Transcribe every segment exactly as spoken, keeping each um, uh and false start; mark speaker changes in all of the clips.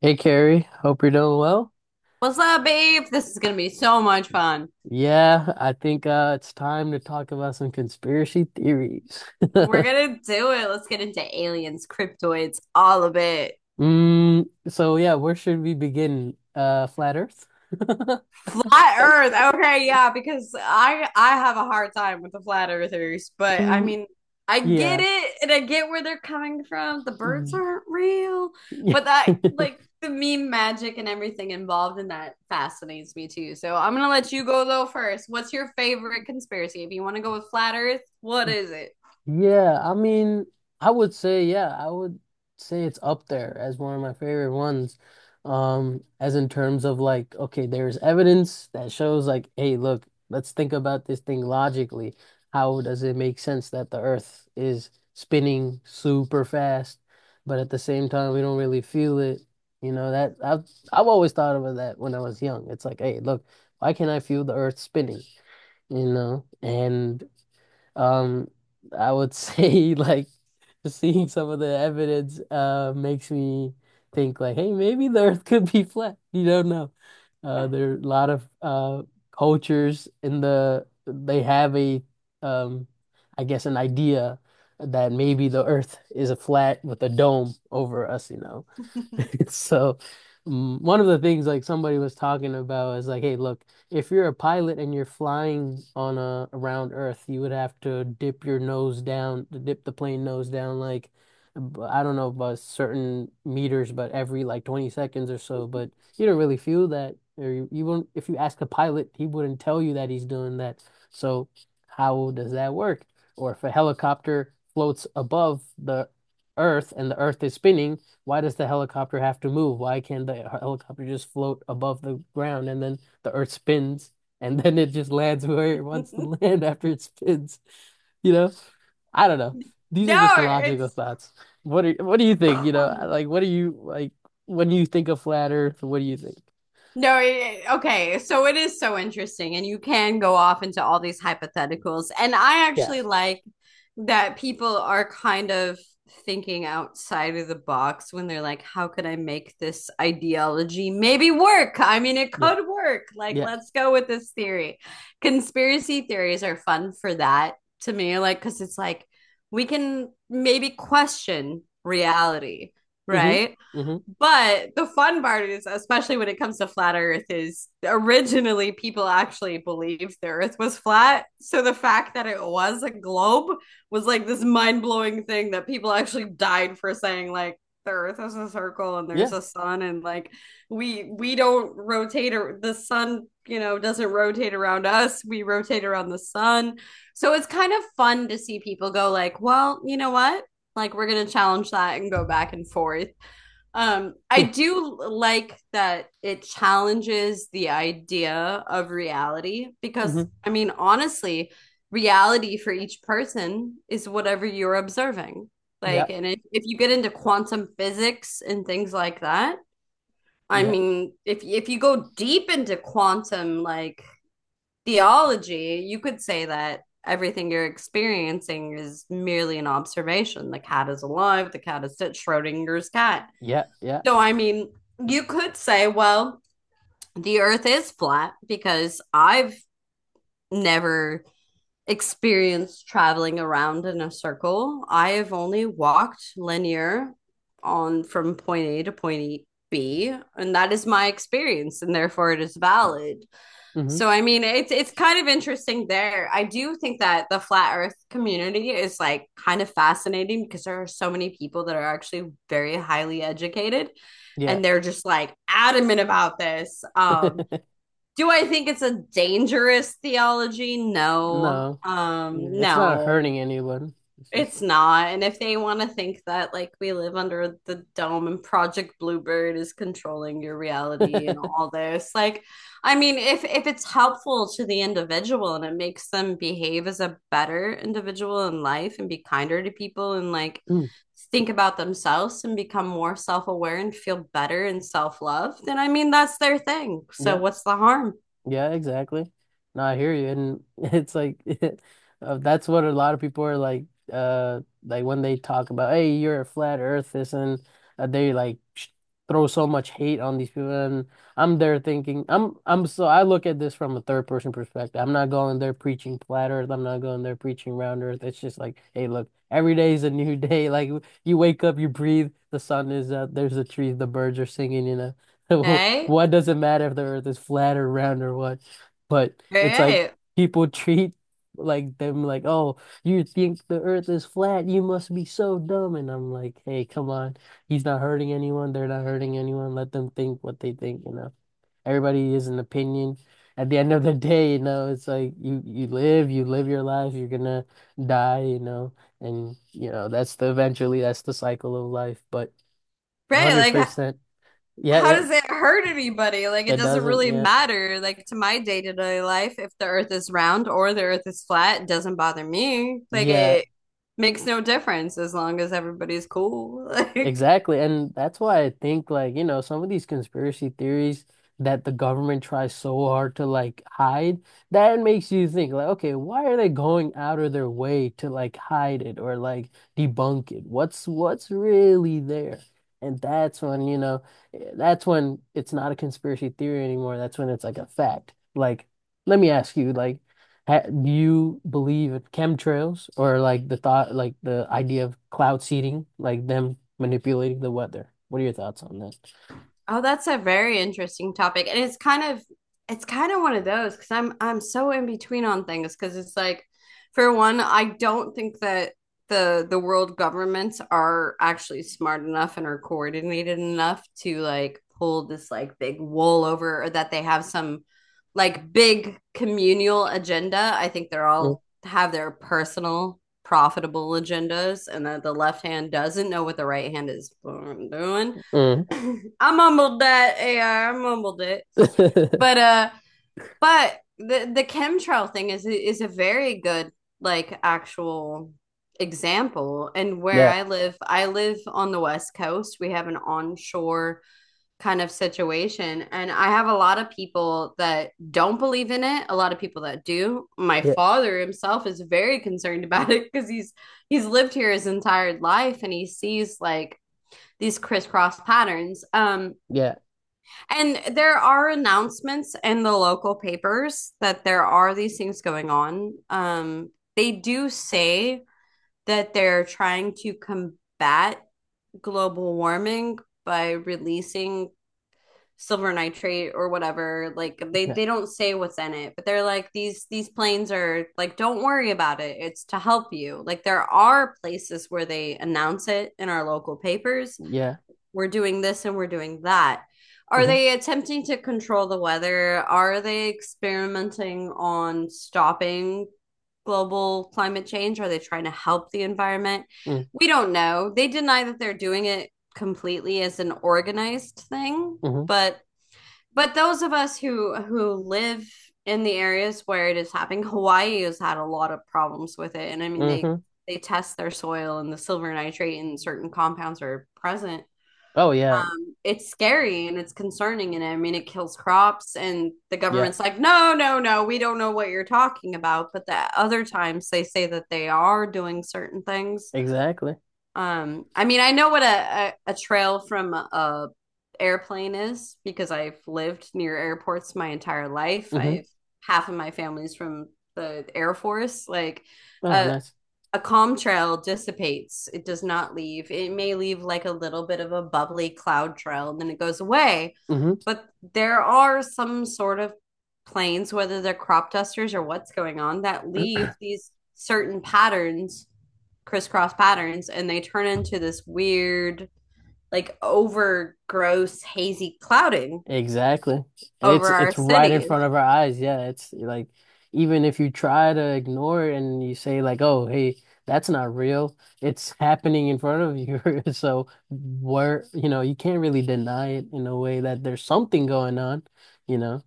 Speaker 1: Hey Carrie, hope you're doing well.
Speaker 2: What's up, babe? This is gonna be so much fun.
Speaker 1: Yeah, I think uh, it's time to talk about some conspiracy theories.
Speaker 2: We're gonna do it. Let's get into aliens, cryptoids, all of it.
Speaker 1: Mm, so yeah, where should we begin? Uh, flat Earth?
Speaker 2: Flat Earth. Okay, yeah, because I I have a hard time with the flat earthers, but I
Speaker 1: Mm,
Speaker 2: mean, I get
Speaker 1: yeah.
Speaker 2: it and I get where they're coming from. The birds
Speaker 1: Mm,
Speaker 2: aren't real,
Speaker 1: yeah.
Speaker 2: but that like the meme magic and everything involved in that fascinates me too. So I'm gonna let you go though first. What's your favorite conspiracy? If you want to go with flat Earth, what is it?
Speaker 1: Yeah, I mean, I would say, yeah, I would say it's up there as one of my favorite ones. Um, as in terms of like, okay, there's evidence that shows like, hey, look, let's think about this thing logically. How does it make sense that the Earth is spinning super fast, but at the same time we don't really feel it? You know, that I've I've always thought about that when I was young. It's like, hey, look, why can't I feel the Earth spinning? You know, and um, I would say like seeing some of the evidence uh makes me think like, hey, maybe the Earth could be flat. You don't know. Uh, there are a lot of uh cultures in the they have a um, I guess an idea that maybe the Earth is a flat with a dome over us, you know. So, mm, one of the things like somebody was talking about is like, hey, look, if you're a pilot and you're flying on a around Earth, you would have to dip your nose down, to dip the plane nose down, like b- I don't know about certain meters, but every like twenty seconds or so. But you don't really feel that, or you, you won't. If you ask a pilot, he wouldn't tell you that he's doing that. So, how does that work? Or if a helicopter floats above the Earth and the Earth is spinning, why does the helicopter have to move? Why can't the helicopter just float above the ground and then the earth spins and then it just lands where it wants to land after it spins? You know? I don't know. These are just
Speaker 2: no,
Speaker 1: logical
Speaker 2: it's
Speaker 1: thoughts. What are what do you think? You know, like what do you like when you think of flat earth, what do you think?
Speaker 2: No, it, Okay. So it is so interesting, and you can go off into all these hypotheticals. And I
Speaker 1: Yeah.
Speaker 2: actually like that people are kind of thinking outside of the box when they're like, how could I make this ideology maybe work? I mean, it
Speaker 1: Yeah.
Speaker 2: could work. Like,
Speaker 1: Yeah.
Speaker 2: let's go with this theory. Conspiracy theories are fun for that to me, like, because it's like we can maybe question reality,
Speaker 1: Mm-hmm.
Speaker 2: right?
Speaker 1: Mm-hmm.
Speaker 2: But the fun part is, especially when it comes to flat Earth, is originally people actually believed the Earth was flat. So the fact that it was a globe was like this mind blowing thing that people actually died for saying, like, the Earth is a circle and there's
Speaker 1: Yeah.
Speaker 2: a sun, and like we we don't rotate or the sun, you know, doesn't rotate around us. We rotate around the sun. So it's kind of fun to see people go like, well, you know what? Like we're gonna challenge that and go back and forth. um, I do like that it challenges the idea of reality because,
Speaker 1: Mm-hmm.
Speaker 2: I mean, honestly, reality for each person is whatever you're observing.
Speaker 1: Yeah.
Speaker 2: Like, and if, if you get into quantum physics and things like that, I
Speaker 1: Yeah.
Speaker 2: mean, if if you go deep into quantum like theology, you could say that everything you're experiencing is merely an observation. The cat is alive. The cat is dead. Schrodinger's cat.
Speaker 1: Yeah. Yeah.
Speaker 2: No, I mean, you could say, well, the earth is flat because I've never experienced traveling around in a circle. I have only walked linear on from point A to point B, and that is my experience, and therefore it is valid.
Speaker 1: Mm-hmm.
Speaker 2: So I mean, it's it's kind of interesting there. I do think that the flat earth community is like kind of fascinating because there are so many people that are actually very highly educated
Speaker 1: Yeah.
Speaker 2: and they're just like adamant about this. Um do I think it's a dangerous theology? No.
Speaker 1: No.
Speaker 2: Um
Speaker 1: It's not
Speaker 2: no.
Speaker 1: hurting anyone. It's
Speaker 2: It's
Speaker 1: just
Speaker 2: not. And if they want to think that, like, we live under the dome and Project Bluebird is controlling your reality and all this, like, I mean, if if it's helpful to the individual and it makes them behave as a better individual in life and be kinder to people and like
Speaker 1: mm,
Speaker 2: think about themselves and become more self-aware and feel better and self-love, then I mean, that's their thing. So
Speaker 1: yeah,
Speaker 2: what's the harm?
Speaker 1: yeah, exactly. No, I hear you, and it's like uh, that's what a lot of people are like. Uh, like when they talk about, hey, you're a flat earthist, and uh, they like sh throw so much hate on these people. And I'm there thinking, I'm, I'm so I look at this from a third person perspective. I'm not going there preaching flat earth. I'm not going there preaching round earth. It's just like, hey, look, every day is a new day. Like you wake up, you breathe, the sun is up, there's the trees, the birds are singing, you know.
Speaker 2: Hey,
Speaker 1: What does it matter if the earth is flat or round or what? But
Speaker 2: hey,
Speaker 1: it's like
Speaker 2: Hey.
Speaker 1: people treat like them like, oh, you think the earth is flat, you must be so dumb. And I'm like, hey, come on. He's not hurting anyone, they're not hurting anyone. Let them think what they think, you know. Everybody is an opinion. At the end of the day, you know, it's like you you live, you live your life, you're gonna die, you know, and you know, that's the eventually that's the cycle of life. But
Speaker 2: Right, like
Speaker 1: one hundred percent. Yeah,
Speaker 2: how
Speaker 1: yeah,
Speaker 2: does it hurt anybody? Like, it
Speaker 1: it
Speaker 2: doesn't
Speaker 1: doesn't.
Speaker 2: really
Speaker 1: Yeah.
Speaker 2: matter. Like, to my day to day life, if the earth is round or the earth is flat, it doesn't bother me. Like,
Speaker 1: Yeah,
Speaker 2: it makes no difference as long as everybody's cool. Like,
Speaker 1: exactly. And that's why I think like, you know, some of these conspiracy theories that the government tries so hard to like hide, that makes you think like, okay, why are they going out of their way to like hide it or like debunk it? What's what's really there? And that's when, you know, eh, that's when it's not a conspiracy theory anymore. That's when it's like a fact. Like, let me ask you, like, Ha do you believe in chemtrails or like the thought, like the idea of cloud seeding, like them manipulating the weather? What are your thoughts on that?
Speaker 2: oh, that's a very interesting topic. And it's kind of it's kind of one of those because I'm I'm so in between on things because it's like for one, I don't think that the the world governments are actually smart enough and are coordinated enough to like pull this like big wool over or that they have some like big communal agenda. I think they're
Speaker 1: Mm,
Speaker 2: all have their personal profitable agendas and that the left hand doesn't know what the right hand is doing.
Speaker 1: mm.
Speaker 2: I mumbled that. Yeah, I I mumbled it. But uh, but the the chemtrail thing is is a very good like actual example. And where
Speaker 1: Yeah,
Speaker 2: I live, I live on the west coast. We have an onshore kind of situation, and I have a lot of people that don't believe in it. A lot of people that do. My
Speaker 1: yeah,
Speaker 2: father himself is very concerned about it because he's he's lived here his entire life, and he sees like these crisscross patterns. Um,
Speaker 1: yeah,
Speaker 2: and there are announcements in the local papers that there are these things going on. Um, they do say that they're trying to combat global warming by releasing silver nitrate or whatever. Like they
Speaker 1: yeah,
Speaker 2: they don't say what's in it, but they're like these these planes are like don't worry about it. It's to help you. Like there are places where they announce it in our local papers,
Speaker 1: yeah.
Speaker 2: we're doing this and we're doing that. Are
Speaker 1: Mm-hmm,
Speaker 2: they attempting to control the weather? Are they experimenting on stopping global climate change? Are they trying to help the environment?
Speaker 1: mm,
Speaker 2: We don't know. They deny that they're doing it completely as an organized thing,
Speaker 1: mm-hmm,
Speaker 2: but but those of us who who live in the areas where it is happening, Hawaii has had a lot of problems with it. And I mean they
Speaker 1: mm-hmm.
Speaker 2: they test their soil and the silver nitrate and certain compounds are present.
Speaker 1: Oh yeah,
Speaker 2: It's scary and it's concerning and I mean it kills crops and the
Speaker 1: yeah,
Speaker 2: government's like no no no we don't know what you're talking about but the other times they say that they are doing certain things.
Speaker 1: exactly.
Speaker 2: um I mean I know what a a, a trail from a, airplane is because I've lived near airports my entire life.
Speaker 1: Mm-hmm.
Speaker 2: I've half of my family's from the Air Force like
Speaker 1: Oh,
Speaker 2: a,
Speaker 1: nice.
Speaker 2: a calm trail dissipates. It does not leave. It may leave like a little bit of a bubbly cloud trail and then it goes away.
Speaker 1: Mm-hmm.
Speaker 2: But there are some sort of planes, whether they're crop dusters or what's going on, that leave these certain patterns, crisscross patterns, and they turn into this weird, like over gross, hazy clouding
Speaker 1: Exactly. And
Speaker 2: over
Speaker 1: it's
Speaker 2: our
Speaker 1: it's right in front
Speaker 2: cities.
Speaker 1: of our eyes. Yeah, it's like even if you try to ignore it and you say like, "Oh, hey, that's not real." It's happening in front of you. So where, you know, you can't really deny it in a way that there's something going on, you know.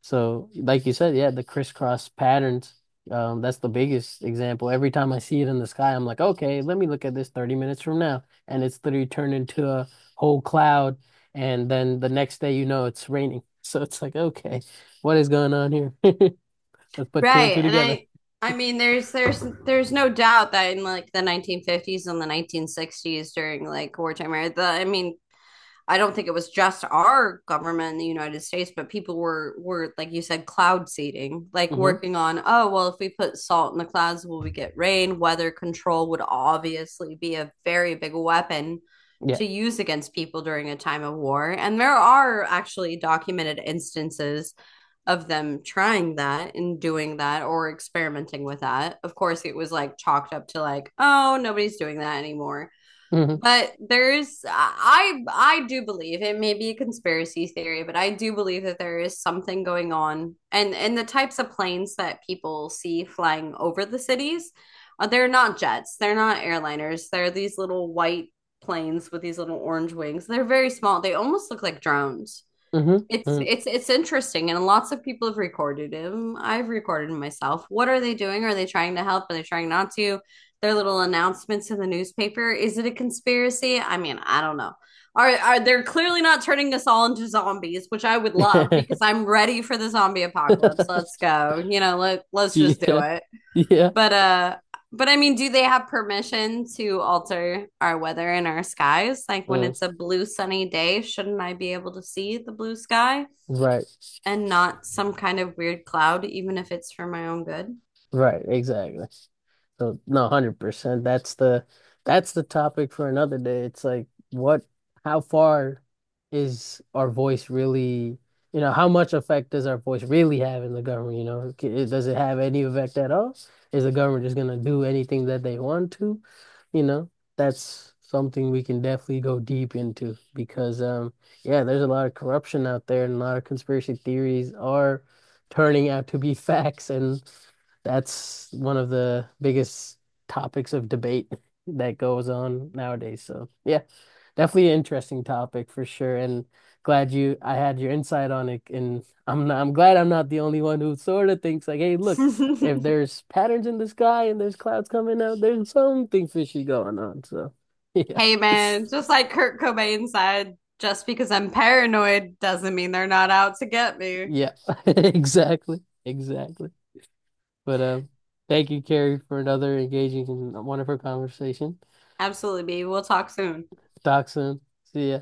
Speaker 1: So like you said, yeah, the crisscross patterns, um, that's the biggest example. Every time I see it in the sky, I'm like, "Okay, let me look at this thirty minutes from now." And it's literally turned into a whole cloud and then the next day, you know, it's raining. So it's like, okay, what is going on here? Let's put two and
Speaker 2: Right.
Speaker 1: two
Speaker 2: And
Speaker 1: together.
Speaker 2: I I mean there's there's there's no doubt that in like the nineteen fifties and the nineteen sixties during like wartime era, the I mean I don't think it was just our government in the United States, but people were were like you said cloud seeding, like
Speaker 1: Hmm.
Speaker 2: working on, oh well if we put salt in the clouds will we get rain? Weather control would obviously be a very big weapon
Speaker 1: Yeah.
Speaker 2: to use against people during a time of war. And there are actually documented instances of them trying that and doing that or experimenting with that. Of course, it was like chalked up to like, oh, nobody's doing that anymore.
Speaker 1: Hmm.
Speaker 2: But there's I I do believe it may be a conspiracy theory, but I do believe that there is something going on. And and the types of planes that people see flying over the cities, uh, they're not jets, they're not airliners. They're these little white planes with these little orange wings. They're very small. They almost look like drones.
Speaker 1: Hmm.
Speaker 2: It's
Speaker 1: Mm.
Speaker 2: it's it's interesting, and lots of people have recorded him. I've recorded him myself. What are they doing? Are they trying to help? Are they trying not to? Their little announcements in the newspaper. Is it a conspiracy? I mean, I don't know. Are are They're clearly not turning us all into zombies, which I would love because I'm ready for the zombie apocalypse. Let's go. You know, let let's
Speaker 1: Yeah.
Speaker 2: just do it.
Speaker 1: Yeah. Yeah.
Speaker 2: But uh but I mean, do they have permission to alter our weather and our skies? Like when
Speaker 1: Mm.
Speaker 2: it's a blue sunny day, shouldn't I be able to see the blue sky,
Speaker 1: Right.
Speaker 2: and not some kind of weird cloud, even if it's for my own good.
Speaker 1: Right. Exactly. So no, one hundred percent. That's the that's the topic for another day. It's like what how far is our voice really, you know, how much effect does our voice really have in the government, you know? C- Does it have any effect at all? Is the government just going to do anything that they want to? You know, that's something we can definitely go deep into because um yeah, there's a lot of corruption out there and a lot of conspiracy theories are turning out to be facts and that's one of the biggest topics of debate that goes on nowadays. So yeah, definitely an interesting topic for sure. And glad you I had your insight on it. And I'm not, I'm glad I'm not the only one who sort of thinks like, hey, look, if there's patterns in the sky and there's clouds coming out, there's something fishy going on. So yeah.
Speaker 2: Hey, man, just like Kurt Cobain said, just because I'm paranoid doesn't mean they're not out to get me.
Speaker 1: Yeah. Exactly. Exactly. But um thank you, Carrie, for another engaging and wonderful conversation.
Speaker 2: Absolutely, B. We'll talk soon.
Speaker 1: Talk soon. See ya.